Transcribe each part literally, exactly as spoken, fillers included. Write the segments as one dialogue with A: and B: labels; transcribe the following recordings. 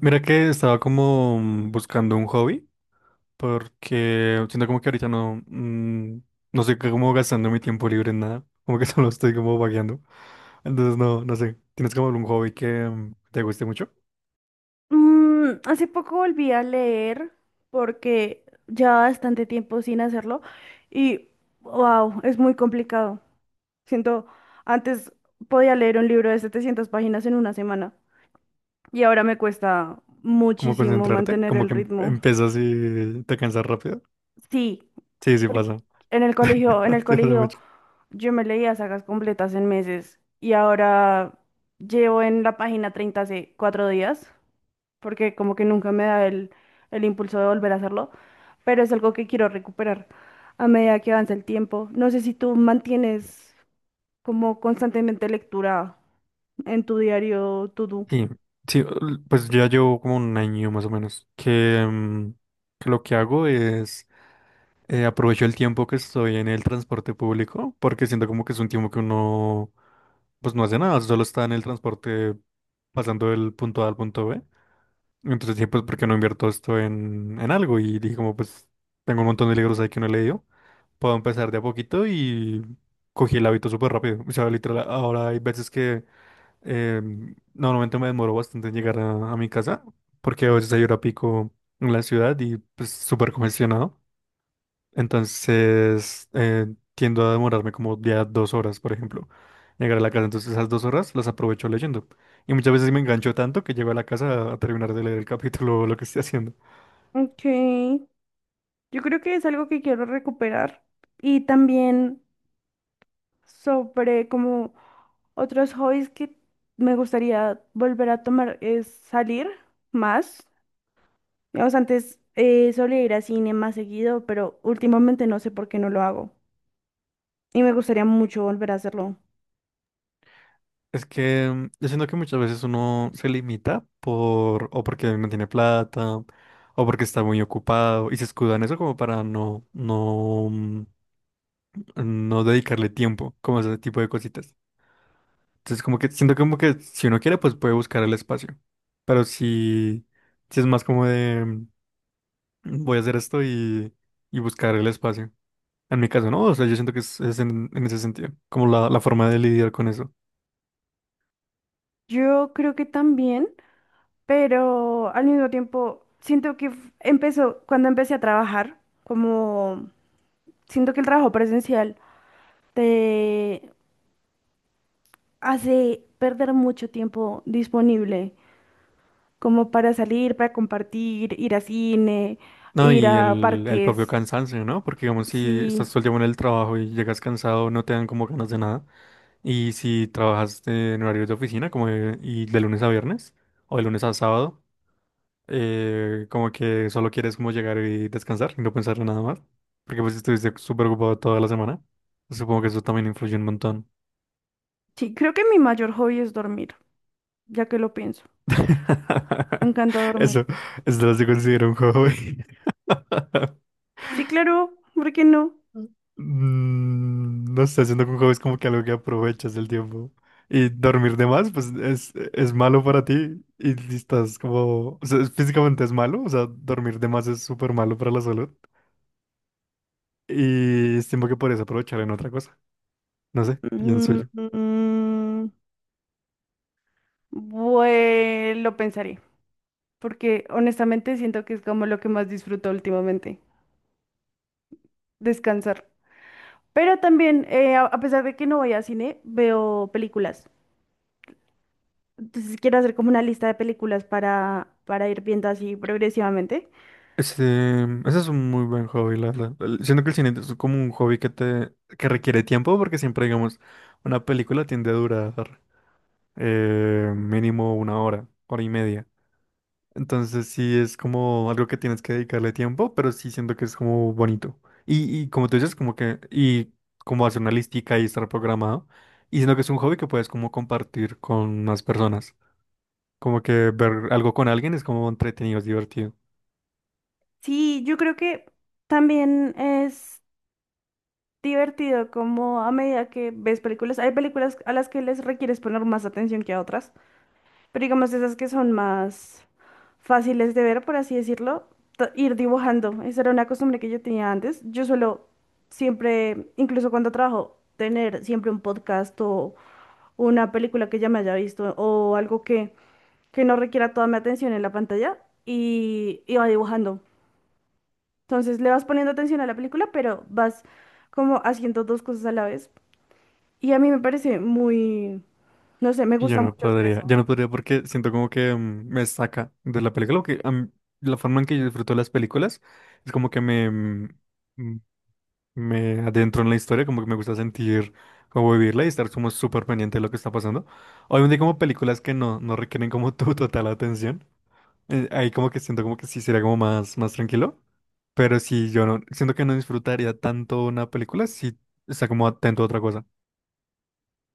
A: Mira que estaba como mm, buscando un hobby, porque siento como que ahorita no, mm, no sé cómo gastando mi tiempo libre en nada, como que solo estoy como vagueando. Entonces no, no sé, ¿tienes como algún hobby que mm, te guste mucho?
B: Mm, hace poco volví a leer porque ya bastante tiempo sin hacerlo y wow, es muy complicado. Siento, antes podía leer un libro de setecientas páginas en una semana y ahora me cuesta
A: ¿Como
B: muchísimo
A: concentrarte?
B: mantener
A: ¿Como
B: el
A: que em-
B: ritmo.
A: empiezas y te cansas rápido?
B: Sí,
A: Sí, sí
B: porque
A: pasa.
B: en el colegio, en el
A: Sí pasa
B: colegio
A: mucho.
B: yo me leía sagas completas en meses y ahora llevo en la página treinta hace cuatro días. Porque como que nunca me da el, el impulso de volver a hacerlo, pero es algo que quiero recuperar a medida que avanza el tiempo. No sé si tú mantienes como constantemente lectura en tu diario to-do.
A: Sí, sí, l- pues ya llevo como un año más o menos, que, mm, que lo que hago es eh, aprovecho el tiempo que estoy en el transporte público porque siento como que es un tiempo que uno pues no hace nada, solo está en el transporte pasando del punto A al punto be. Entonces dije, pues, ¿por qué no invierto esto en, en algo? Y dije como, pues, tengo un montón de libros ahí que no he leído. Puedo empezar de a poquito y cogí el hábito súper rápido. O sea, literal, ahora hay veces que eh, normalmente me demoro bastante en llegar a, a mi casa porque a veces hay hora pico en la ciudad y pues súper congestionado. Entonces, eh, tiendo a demorarme como ya dos horas, por ejemplo, llegar a la casa. Entonces, esas dos horas las aprovecho leyendo. Y muchas veces me engancho tanto que llego a la casa a terminar de leer el capítulo o lo que estoy haciendo.
B: Ok, yo creo que es algo que quiero recuperar y también sobre como otros hobbies que me gustaría volver a tomar es salir más. Digamos, antes eh, solía ir a cine más seguido, pero últimamente no sé por qué no lo hago. Y me gustaría mucho volver a hacerlo.
A: Es que mm, yo siento que muchas veces uno se limita por, o porque no tiene plata, o porque está muy ocupado, y se escuda en eso como para no, no, mm, no dedicarle tiempo, como ese tipo de cositas. Entonces, como que siento como que si uno quiere, pues puede buscar el espacio. Pero si, si es más como de mm, voy a hacer esto y, y buscar el espacio. En mi caso, no, o sea, yo siento que es, es en, en ese sentido, como la, la forma de lidiar con eso.
B: Yo creo que también, pero al mismo tiempo siento que f- empezó, cuando empecé a trabajar, como siento que el trabajo presencial te hace perder mucho tiempo disponible, como para salir, para compartir, ir a cine,
A: No,
B: ir
A: y
B: a
A: el, el propio
B: parques.
A: cansancio, ¿no? Porque digamos, si estás
B: Sí,
A: todo el tiempo en el trabajo y llegas cansado, no te dan como ganas de nada. Y si trabajas eh, en horarios de oficina, como de- y de lunes a viernes, o de lunes a sábado. Eh, como que solo quieres como llegar y descansar y no pensar en nada más. Porque pues estuviste súper ocupado toda la semana. Supongo que eso también influye un montón.
B: sí, creo que mi mayor hobby es dormir, ya que lo pienso. Me encanta dormir.
A: Eso, eso no se considera un hobby.
B: Sí, claro, ¿por qué no?
A: Mm, No sé, haciendo que un hobby es como que algo que aprovechas el tiempo. Y dormir de más, pues es, es malo para ti. Y si estás como, o sea, es- físicamente es malo. O sea, dormir de más es súper malo para la salud. Y estimo que podrías aprovechar en otra cosa. No sé, pienso
B: Mm,
A: yo.
B: mm, mm. Bueno, lo pensaré, porque honestamente siento que es como lo que más disfruto últimamente, descansar. Pero también, eh, a a pesar de que no voy a cine, veo películas. Entonces quiero hacer como una lista de películas para, para ir viendo así progresivamente.
A: Este, ese es un muy buen hobby, la verdad. El- Siento que el cine es como un hobby que te, que requiere tiempo, porque siempre, digamos, una película tiende a durar eh, mínimo una hora, hora y media. Entonces sí es como algo que tienes que dedicarle tiempo, pero sí siento que es como bonito. Y, y como tú dices, como que, y como hacer una listica y estar programado. Y siento que es un hobby que puedes como compartir con más personas. Como que ver algo con alguien es como entretenido, es divertido.
B: Sí, yo creo que también es divertido como a medida que ves películas. Hay películas a las que les requieres poner más atención que a otras. Pero digamos esas que son más fáciles de ver, por así decirlo, t- ir dibujando. Esa era una costumbre que yo tenía antes. Yo suelo siempre, incluso cuando trabajo, tener siempre un podcast o una película que ya me haya visto o algo que, que no requiera toda mi atención en la pantalla y iba dibujando. Entonces le vas poniendo atención a la película, pero vas como haciendo dos cosas a la vez. Y a mí me parece muy, no sé, me
A: Y yo
B: gusta
A: no
B: mucho hacer
A: podría,
B: eso.
A: ya no podría porque siento como que mm, me saca de la película, lo que a mí- la forma en que yo disfruto las películas es como que me, mm, mm, me adentro en la historia, como que me gusta sentir como vivirla y estar como súper pendiente de lo que está pasando. Obviamente hay como películas que no, no requieren como tu total atención, eh, ahí como que siento como que sí sería como más, más tranquilo, pero si yo no, siento que no disfrutaría tanto una película si está como atento a otra cosa.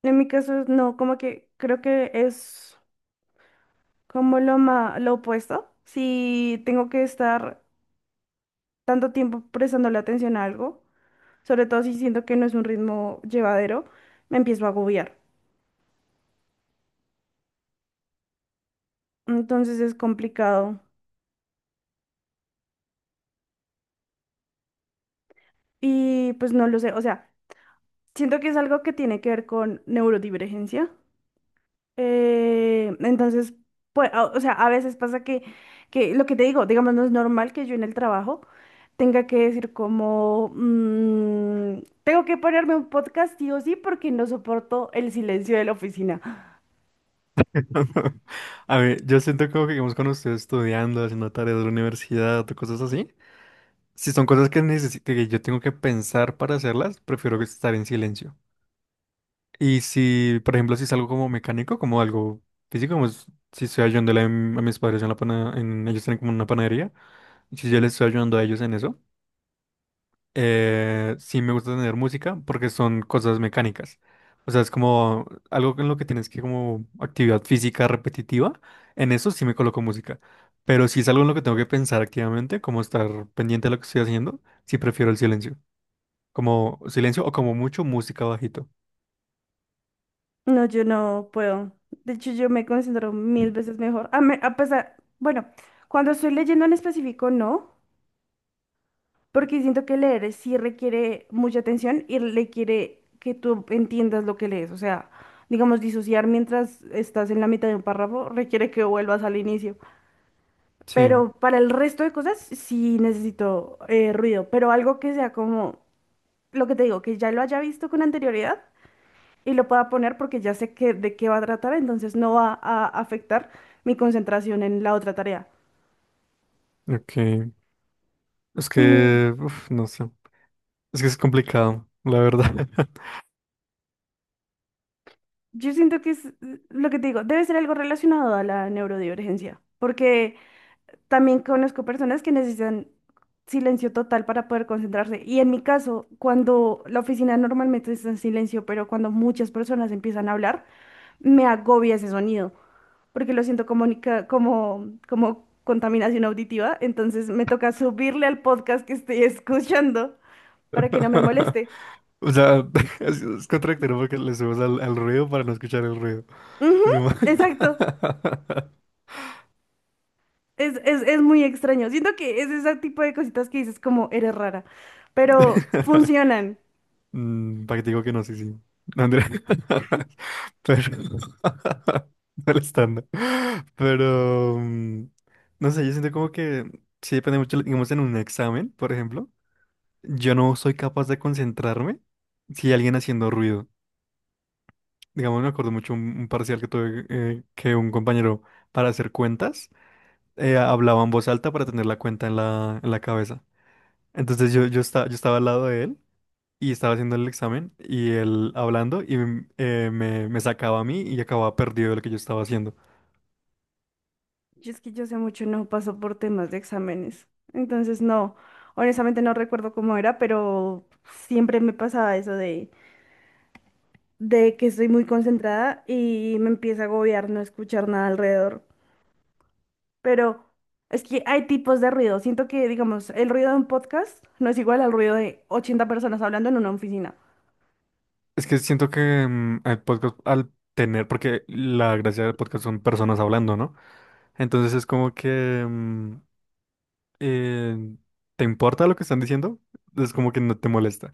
B: En mi caso, no, como que creo que es como lo ma- lo opuesto. Si tengo que estar tanto tiempo prestándole atención a algo, sobre todo si siento que no es un ritmo llevadero, me empiezo a agobiar. Entonces es complicado. Y pues no lo sé, o sea, siento que es algo que tiene que ver con neurodivergencia. Eh, entonces, pues, a- o sea, a veces pasa que, que lo que te digo, digamos, no es normal que yo en el trabajo tenga que decir como, "Mm, tengo que ponerme un podcast sí o sí porque no soporto el silencio de la oficina.
A: A ver, yo siento como que digamos, cuando estoy estudiando, haciendo tareas de la universidad o cosas así, si son cosas que necesito, que yo tengo que pensar para hacerlas, prefiero que estar en silencio. Y si, por ejemplo, si es algo como mecánico, como algo físico, como es- si estoy ayudándole a, m- a mis padres en la pana, en, ellos tienen como una panadería, y si yo les estoy ayudando a ellos en eso, Eh, sí me gusta tener música porque son cosas mecánicas. O sea, es como algo en lo que tienes que como actividad física repetitiva. En eso sí me coloco música. Pero si es algo en lo que tengo que pensar activamente, como estar pendiente de lo que estoy haciendo, sí prefiero el silencio. Como silencio o como mucho música bajito.
B: No, yo no puedo. De hecho, yo me concentro mil veces mejor. A, me- a pesar, bueno, cuando estoy leyendo en específico, no. Porque siento que leer sí requiere mucha atención y requiere que tú entiendas lo que lees. O sea, digamos, disociar mientras estás en la mitad de un párrafo requiere que vuelvas al inicio.
A: Sí,
B: Pero para el resto de cosas sí necesito eh, ruido, pero algo que sea como lo que te digo, que ya lo haya visto con anterioridad y lo pueda poner porque ya sé que, de qué va a tratar, entonces no va a afectar mi concentración en la otra tarea.
A: ok. Es
B: Y
A: que, uf, no sé. Es que es complicado, la verdad.
B: Yo siento que es eh, lo que te digo, debe ser algo relacionado a la neurodivergencia, porque también conozco personas que necesitan silencio total para poder concentrarse. Y en mi caso, cuando la oficina normalmente está en silencio, pero cuando muchas personas empiezan a hablar, me agobia ese sonido, porque lo siento como, nica- como, como contaminación auditiva, entonces me toca subirle al podcast que estoy escuchando para que no me moleste.
A: O sea, es, es contradictorio porque le subimos al, al ruido para no escuchar el ruido.
B: Ujú,
A: Es como...
B: exacto. Es, es, es muy extraño. Siento que es ese tipo de cositas que dices como eres rara, pero funcionan.
A: Mm, para que te digo que no, sí, sí. No, Andrea. Pero... el estándar. Pero... mm, no sé, yo siento como que... Sí depende mucho, digamos, en un examen, por ejemplo. Yo no soy capaz de concentrarme si hay alguien haciendo ruido. Digamos, me acuerdo mucho un, un parcial que tuve eh, que un compañero para hacer cuentas. Eh, hablaba en voz alta para tener la cuenta en la, en la cabeza. Entonces yo, yo, estaba, yo estaba al lado de él y estaba haciendo el examen y él hablando y m- eh, me, me sacaba a mí y acababa perdido de lo que yo estaba haciendo.
B: Y es que yo sé mucho, no paso por temas de exámenes. Entonces, no, honestamente no recuerdo cómo era, pero siempre me pasaba eso de, de que estoy muy concentrada y me empieza a agobiar no escuchar nada alrededor. Pero es que hay tipos de ruido. Siento que, digamos, el ruido de un podcast no es igual al ruido de ochenta personas hablando en una oficina.
A: Es que siento que mm, el podcast al tener, porque la gracia del podcast son personas hablando, ¿no? Entonces es como que mm, eh, te importa lo que están diciendo, es como que no te molesta.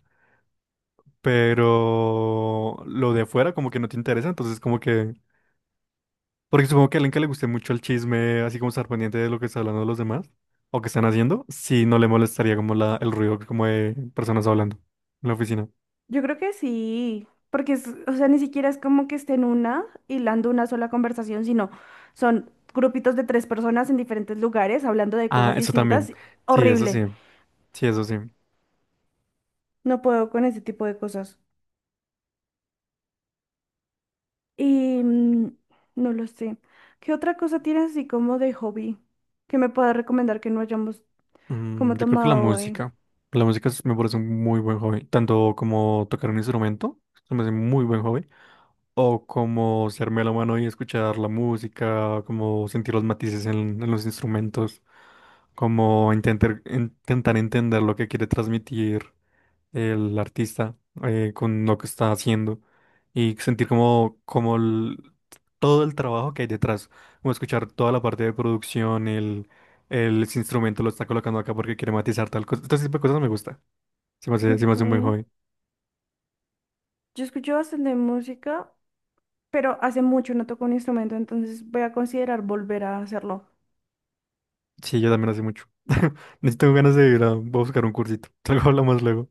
A: Pero lo de afuera como que no te interesa, entonces como que porque supongo que a alguien que le guste mucho el chisme, así como estar pendiente de lo que está hablando los demás o que están haciendo, sí no le molestaría como la, el ruido como de personas hablando en la oficina.
B: Yo creo que sí, porque es, o sea, ni siquiera es como que estén una hilando una sola conversación, sino son grupitos de tres personas en diferentes lugares hablando de
A: Ah,
B: cosas
A: eso también.
B: distintas.
A: Sí, eso sí.
B: Horrible.
A: Sí, eso sí.
B: No puedo con ese tipo de cosas. Y mm, no lo sé. ¿Qué otra cosa tienes así como de hobby que me puedas recomendar que no hayamos
A: Mm,
B: como
A: yo creo que la
B: tomado hoy?
A: música. La música es- me parece un muy buen hobby. Tanto como tocar un instrumento, se me hace muy buen hobby. O como ser melómano y escuchar la música, como sentir los matices en, en los instrumentos, como intentar, intentar entender lo que quiere transmitir. El artista eh, con lo que está haciendo y sentir como, como el- todo el trabajo que hay detrás, como escuchar toda la parte de producción, el, el ese instrumento lo está colocando acá porque quiere matizar tal cosa, este tipo de cosas me gusta, se me hace, se me
B: Ok.
A: hace un buen hobby,
B: Yo escucho bastante música, pero hace mucho no toco un instrumento, entonces voy a considerar volver a hacerlo.
A: sí, yo también hace mucho, necesito ganas de ir a, voy a buscar un cursito, luego hablamos luego,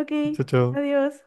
B: Ok,
A: chao, chao.
B: adiós.